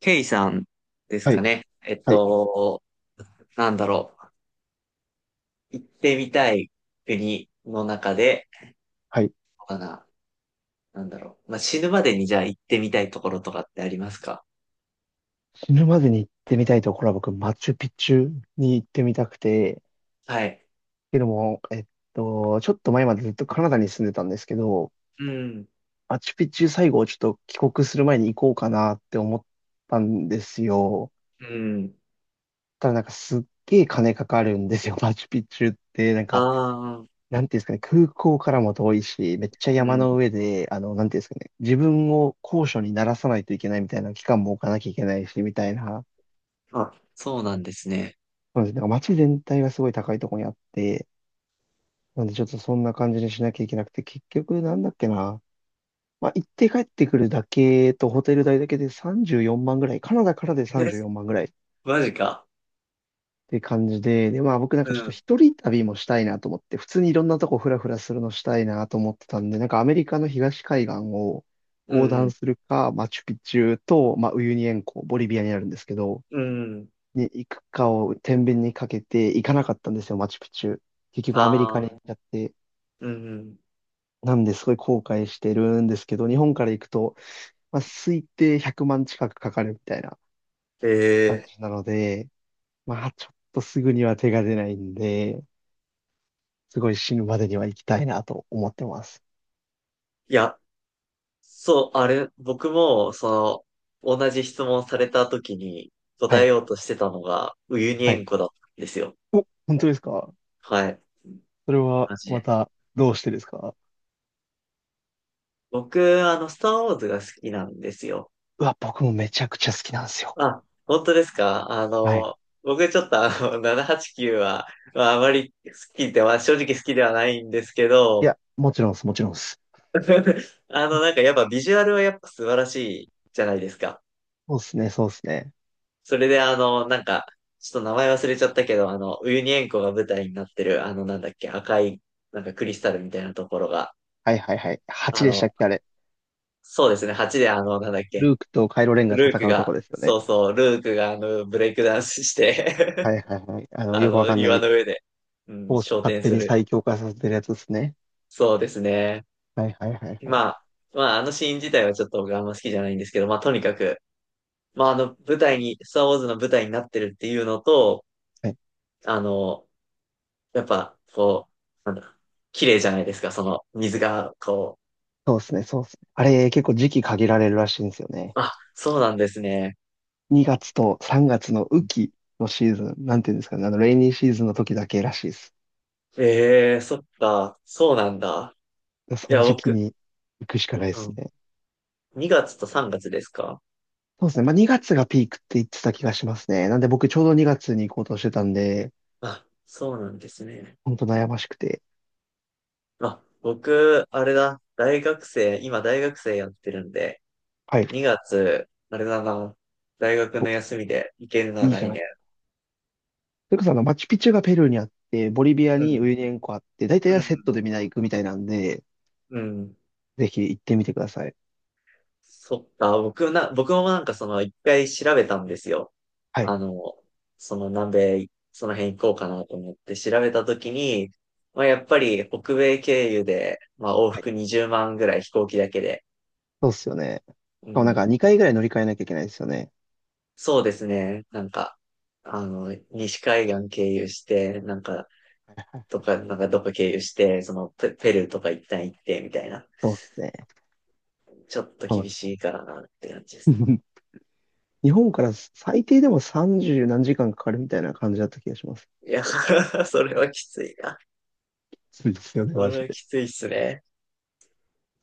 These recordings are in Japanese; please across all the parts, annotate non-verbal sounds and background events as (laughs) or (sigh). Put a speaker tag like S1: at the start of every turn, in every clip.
S1: ケイさんです
S2: は
S1: か
S2: い、
S1: ね。
S2: はい、
S1: なんだろう。行ってみたい国の中で、
S2: はい。
S1: かな。なんだろう。まあ、死ぬまでにじゃあ行ってみたいところとかってありますか？
S2: 死ぬまでに行ってみたいところは僕、マチュピチュに行ってみたくて、っ
S1: はい。
S2: ていうのも、ちょっと前までずっとカナダに住んでたんですけど、
S1: うん。
S2: マチュピチュ最後ちょっと帰国する前に行こうかなって思ったんですよ。
S1: うん。
S2: ただなんかすっげえ金かかるんですよ、(laughs) マチュピチュって。なん
S1: あ
S2: か、
S1: あ、
S2: なんていうんですかね、空港からも遠いし、めっちゃ
S1: う
S2: 山
S1: ん。
S2: の上で、なんていうんですかね、自分を高所に慣らさないといけないみたいな期間も置かなきゃいけないし、みたいな。
S1: あ、そうなんですね。
S2: そうですね。なんか街全体がすごい高いところにあって、なんでちょっとそんな感じにしなきゃいけなくて、結局なんだっけな。まあ、行って帰ってくるだけとホテル代だけで34万ぐらい。カナダからで
S1: (laughs) え、
S2: 34万ぐらいっ
S1: マジか。
S2: て感じで、で、まあ僕なん
S1: う
S2: かちょっと
S1: ん。
S2: 一人旅もしたいなと思って、普通にいろんなとこフラフラするのしたいなと思ってたんで、なんかアメリカの東海岸を
S1: う
S2: 横断
S1: ん。
S2: するか、マチュピチュと、まあウユニ塩湖、ボリビアにあるんですけど、
S1: うん。
S2: に行くかを天秤にかけて行かなかったんですよ、マチュピチュ。結局アメリカ
S1: ああ、
S2: に行っちゃって、
S1: うん。
S2: なんですごい後悔してるんですけど、日本から行くと、まあ、推定100万近くかかるみたいな感
S1: ええ、
S2: じなので、まあちょっとすぐには手が出ないんで、すごい死ぬまでには行きたいなと思ってます。
S1: いや、そう、あれ、僕も、その、同じ質問された時に
S2: は
S1: 答え
S2: い、
S1: ようとしてたのが、ウユニ
S2: はい。
S1: 塩湖だったんですよ。
S2: 本当ですか？
S1: はい。
S2: それは
S1: マジ
S2: ま
S1: で。
S2: たどうしてですか？
S1: 僕、スターウォーズが好きなんですよ。
S2: うわ、僕もめちゃくちゃ好きなんですよ。
S1: あ、本当ですか？
S2: はい。
S1: 僕ちょっと789はちきゅうは、まあ、あまり好きでは、正直好きではないんですけ
S2: い
S1: ど、
S2: や、もちろんです、もちろんです。
S1: (laughs) なんかやっぱビジュアルはやっぱ素晴らしいじゃないですか。
S2: そうですね、そうですね。
S1: それでなんか、ちょっと名前忘れちゃったけど、ウユニ塩湖が舞台になってる、なんだっけ、赤い、なんかクリスタルみたいなところが、
S2: はいはいはい。
S1: あ
S2: 8でした
S1: の、
S2: っけ、あれ。
S1: そうですね、8でなんだっけ、
S2: ルークとカイロレンが
S1: ルー
S2: 戦
S1: ク
S2: うと
S1: が、
S2: こですよ
S1: そ
S2: ね。
S1: うそう、ルークがブレイクダンスして
S2: はいはいはい。
S1: (laughs)
S2: よくわかんな
S1: 岩
S2: い。
S1: の上で、う
S2: フ
S1: ん、
S2: ォース
S1: 昇
S2: 勝
S1: 天
S2: 手
S1: す
S2: に
S1: る。
S2: 最強化させてるやつですね。
S1: そうですね。
S2: はいはいはいはい。
S1: まあ、まあ、あのシーン自体はちょっと僕あんま好きじゃないんですけど、まあ、とにかく、まあ、舞台に、スターウォーズの舞台になってるっていうのと、
S2: はい、
S1: あの、やっぱ、こう、なんだ、綺麗じゃないですか、その水が、こ
S2: そうですね、そうですね。あれ、結構時期限られるらしいんですよね。
S1: う。あ、そうなんですね。
S2: 2月と3月の雨季のシーズン、なんていうんですかね、レイニーシーズンの時だけらしいです。
S1: ええ、そっか、そうなんだ。
S2: そ
S1: い
S2: の
S1: や、
S2: 時期
S1: 僕、
S2: に行くしかないで
S1: う
S2: す
S1: ん、
S2: ね。
S1: 2月と3月ですか？
S2: そうですね。まあ、2月がピークって言ってた気がしますね。なんで僕ちょうど2月に行こうとしてたんで、
S1: あ、そうなんですね。
S2: ほんと悩ましくて。
S1: あ、僕、あれだ、大学生、今大学生やってるんで、
S2: はい。
S1: 2月、あれだな、大学
S2: お、
S1: の休みで行けるな、
S2: いいじゃ
S1: 来
S2: な
S1: 年。
S2: い。それこそマチュピチュがペルーにあって、ボリビア
S1: う
S2: に
S1: ん、
S2: ウユニ塩湖あって、大体
S1: う
S2: はセッ
S1: ん、
S2: トでみんな行くみたいなんで、
S1: うん。
S2: ぜひ行ってみてください。
S1: そっか、僕もなんかその一回調べたんですよ。
S2: はい。
S1: あの、その南米、その辺行こうかなと思って調べたときに、まあやっぱり北米経由で、まあ往
S2: はい。
S1: 復20万ぐらい飛行機だけで、
S2: そうっすよね。し
S1: う
S2: かもなんか
S1: ん、
S2: 2回ぐらい乗り換えなきゃいけないですよね。
S1: そうですね、なんか、西海岸経由して、なんか、とか、なんかどこ経由して、ペルーとか一旦行って、みたいな。
S2: そうっすね。
S1: ちょっと
S2: は
S1: 厳
S2: い。
S1: しいからなって感じです。
S2: (laughs) 日本から最低でも30何時間かかるみたいな感じだった気がします。
S1: いや、(laughs) それはきついな。
S2: そうですよね、
S1: そ
S2: マ
S1: れ
S2: ジ
S1: は
S2: で。
S1: きついっすね。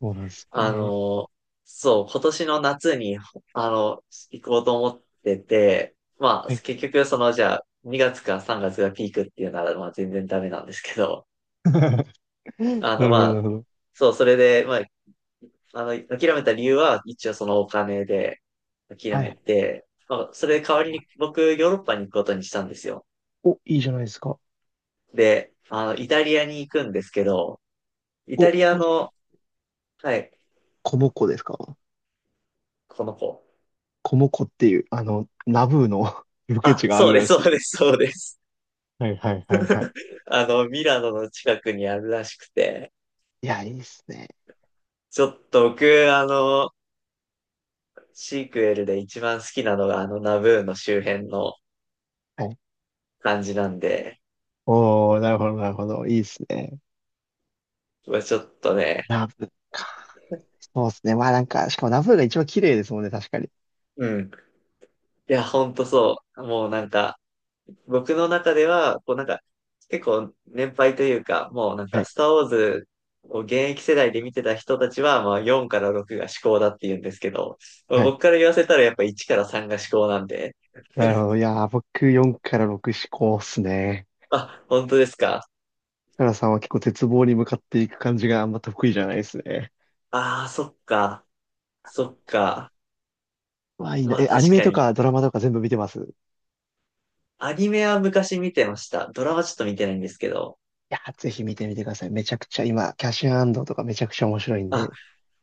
S2: そうなんですよ
S1: あ
S2: ね。
S1: の、そう、今年の夏に、あの、行こうと思ってて、まあ、
S2: はい。
S1: 結局、その、じゃあ、2月か3月がつがピークっていうなら、まあ、全然ダメなんですけど、
S2: (laughs) なる
S1: ま
S2: ほど、なる
S1: あ、
S2: ほど。
S1: そう、それで、まあ、諦めた理由は、一応そのお金で諦
S2: は
S1: め
S2: い。
S1: て、まあ、それ代わりに僕、ヨーロッパに行くことにしたんですよ。
S2: お、いいじゃないですか。
S1: で、イタリアに行くんですけど、イタ
S2: お、
S1: リア
S2: もしかし
S1: の、
S2: て、
S1: はい、
S2: コモコですか？
S1: この子。
S2: コモコっていう、ナブーの (laughs) ロケ
S1: あ、
S2: 地があ
S1: そう
S2: る
S1: です、
S2: ら
S1: そ
S2: し
S1: う
S2: いで
S1: で
S2: す。
S1: す、そうです。
S2: はいはいはいはい。
S1: ミラノの近くにあるらしくて、
S2: いや、いいっすね。
S1: ちょっと僕、あの、シークエルで一番好きなのがあのナブーの周辺の
S2: はい。
S1: 感じなんで、
S2: おー、なるほどなるほど。いいっすね。
S1: うわちょっとね、
S2: ナブーか。そうっすね。まあなんか、しかもナブーが一番綺麗ですもんね、確かに。
S1: うん。いや、ほんとそう。もうなんか、僕の中では、こうなんか、結構年配というか、もうなん
S2: は
S1: か、
S2: い。
S1: スターウォーズを現役世代で見てた人たちは、まあ4から6が至高だって言うんですけど、
S2: はい。
S1: 僕から言わせたらやっぱ1から3が至高なんで、
S2: なるほど。い
S1: (laughs)
S2: やー、僕4から6志向っすね。
S1: あ、本当ですか？
S2: カラさんは結構絶望に向かっていく感じがあんま得意じゃないですね。
S1: ああ、そっか。そっか。
S2: まあいいな。
S1: まあ
S2: え、アニ
S1: 確
S2: メ
S1: か
S2: と
S1: に。
S2: かドラマとか全部見てます？い
S1: アニメは昔見てました。ドラマちょっと見てないんですけど。
S2: やー、ぜひ見てみてください。めちゃくちゃ今、キャッシュアンドとかめちゃくちゃ面白いん
S1: あ、
S2: で。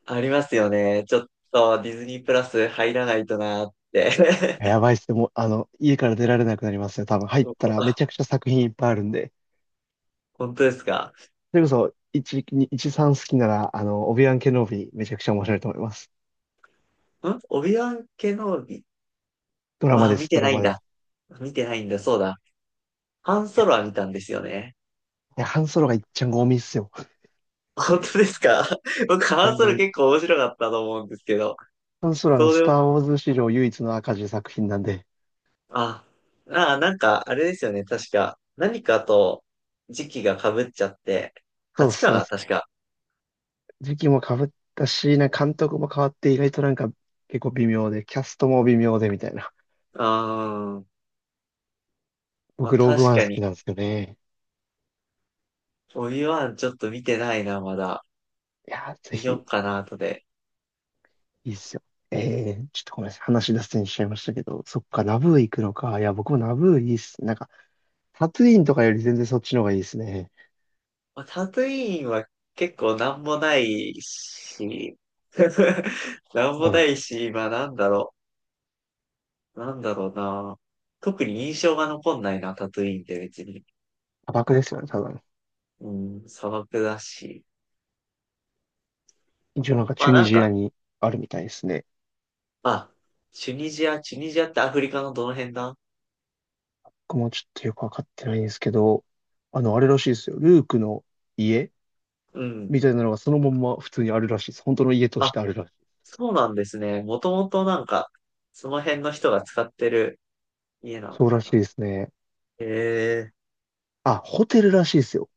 S1: ありますよね。ちょっとディズニープラス入らないとなーって。
S2: やばいっすね。もう、家から出られなくなりますね。多分入ったらめ
S1: (laughs)
S2: ちゃくちゃ作品いっぱいあるんで。
S1: 本当ですか？
S2: それこそ、1、2 1、3好きなら、オビワン・ケノビー、めちゃくちゃ面白いと思います。
S1: んオビワン系のび、
S2: ドラマ
S1: わ
S2: で
S1: 見
S2: す、
S1: て
S2: ド
S1: な
S2: ラ
S1: いん
S2: マで
S1: だ。
S2: す。
S1: 見てないんだ、そうだ。ハン
S2: い
S1: ソ
S2: や、
S1: ロは見たんですよね。
S2: いやハンソロがいっちゃんゴミっすよ。
S1: 本当ですか？ (laughs) 僕、ハ
S2: な
S1: ン
S2: ん
S1: ソ
S2: ゴ
S1: ロ
S2: ミっす
S1: 結構面白かったと思うんですけど、
S2: ハンソロは
S1: そ
S2: スタ
S1: う
S2: ー・ウォーズ史上唯一の赤字作品なんで、
S1: あ、ああ、なんか、あれですよね。確か、何かと時期が被っちゃって、
S2: そう
S1: 8か
S2: そう
S1: な、
S2: そ
S1: 確か。
S2: う、時期も被ったし、なんか監督も変わって、意外となんか、結構微妙で、キャストも微妙で、みたいな。
S1: ああまあ
S2: 僕、ローグ
S1: 確
S2: ワン
S1: か
S2: 好き
S1: に、
S2: なんですよね。
S1: オビワンちょっと見てないな、まだ。
S2: いやー、ぜ
S1: 見よ
S2: ひ、
S1: っかな、後で。
S2: いいっすよ。ちょっとごめんなさい。話脱線しちゃいましたけど、そっか、ナブー行くのか。いや、僕もナブーいいっす。なんかタトゥインとかより全然そっちの方がいいですね。
S1: まあ、タトゥイーンは結構なんもないし、(laughs) なんも
S2: もうな
S1: な
S2: んか、
S1: いし、まあなんだろう。なんだろうな。特に印象が残んないな、タトゥイーンって別に。
S2: 砂漠ですよね、多分。
S1: うん、砂漠だし。
S2: 一応なんか
S1: ま
S2: チ
S1: あ
S2: ュニ
S1: なん
S2: ジア
S1: か、
S2: にあるみたいですね。
S1: あ、チュニジアってアフリカのどの辺だ？
S2: 僕もちょっとよくわかってないんですけど、あれらしいですよ。ルークの家
S1: うん。
S2: みたいなのがそのまんま普通にあるらしいです。本当の家とし
S1: あ、
S2: てあるらしい。
S1: そうなんですね。もともとなんか、その辺の人が使ってる家なの
S2: そうら
S1: か
S2: し
S1: な。
S2: いですね。
S1: へえ。
S2: あ、ホテルらしいですよ。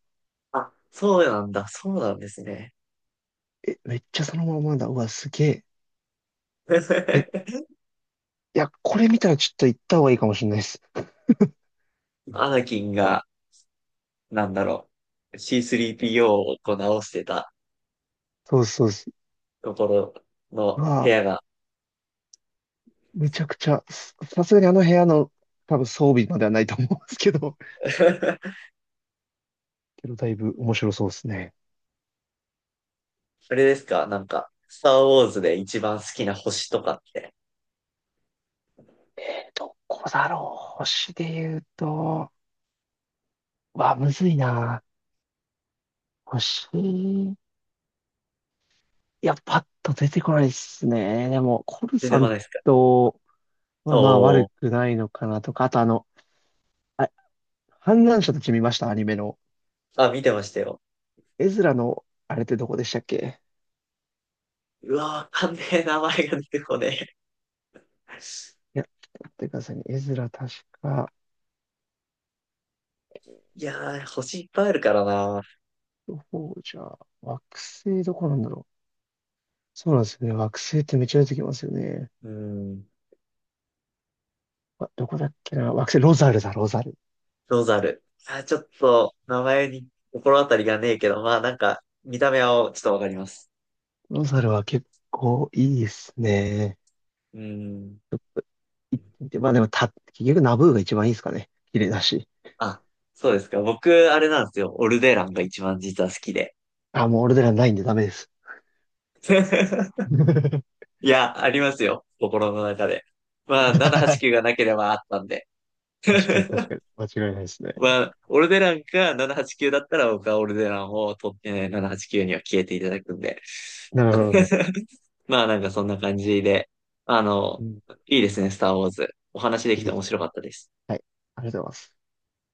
S1: あ、そうなんだ。そうなんですね。
S2: え、めっちゃそのままだ。うわ、すげえ。え、い
S1: (laughs)
S2: や、これ見たらちょっと行った方がいいかもしれないです。
S1: アナキンが、なんだろう、C3PO をこう直してた
S2: そうですそうです。
S1: ところ
S2: う
S1: の部
S2: わ、
S1: 屋が。
S2: めちゃくちゃ、ささすがにあの部屋の多分装備まではないと思うんですけど。
S1: (laughs)
S2: けど、だいぶ面白そうですね。
S1: あれですかなんか、スターウォーズで一番好きな星とかって
S2: え、どこだろう。星で言うと、わ、むずいな。星、いや、パッと出てこないですね。でも、コル
S1: 出
S2: さ
S1: てこ
S2: ん
S1: ないですか？
S2: とはまあ
S1: お
S2: 悪く
S1: ー。
S2: ないのかなとか、あとあ、反乱者たち見ました、アニメの。
S1: あ、見てましたよ。
S2: エズラの、あれってどこでしたっけ？
S1: うわ、わかんねえ、名前が出てこねえ。
S2: いや、ちょっと待ってくださいね。エズラ確か、
S1: いやー、星いっぱいあるからな。
S2: どこじゃ、惑星どこなんだろう。そうなんですよね。惑星ってめっちゃ出てきますよね。
S1: うん、
S2: あ、どこだっけな。惑星、ロザルだ、ロザル。
S1: ロザル。あー、ちょっと、名前に心当たりがねえけど、まあなんか、見た目はちょっとわかります。
S2: ロザルは結構いいですね。
S1: うん。
S2: で、まあでもた、結局ナブーが一番いいですかね。綺麗だし。
S1: あ、そうですか。僕、あれなんですよ。オルデランが一番実は好きで。
S2: あ、もう俺はないんでダメです。
S1: (laughs)
S2: (laughs) 確
S1: いや、ありますよ。心の中で。まあ、789がなければあったんで。
S2: かに確
S1: (laughs)
S2: かに。間違いないですね。
S1: まあ、オルデランか789だったら僕はオルデランを取ってね、789には消えていただくんで。
S2: なるほど、なるほど。
S1: (laughs) まあなんかそんな感じで、あ
S2: う
S1: の、
S2: ん、い
S1: いいですね、スターウォーズ。お話で
S2: い
S1: きて
S2: で
S1: 面
S2: す。
S1: 白かったです。
S2: はい。ありがとうございます。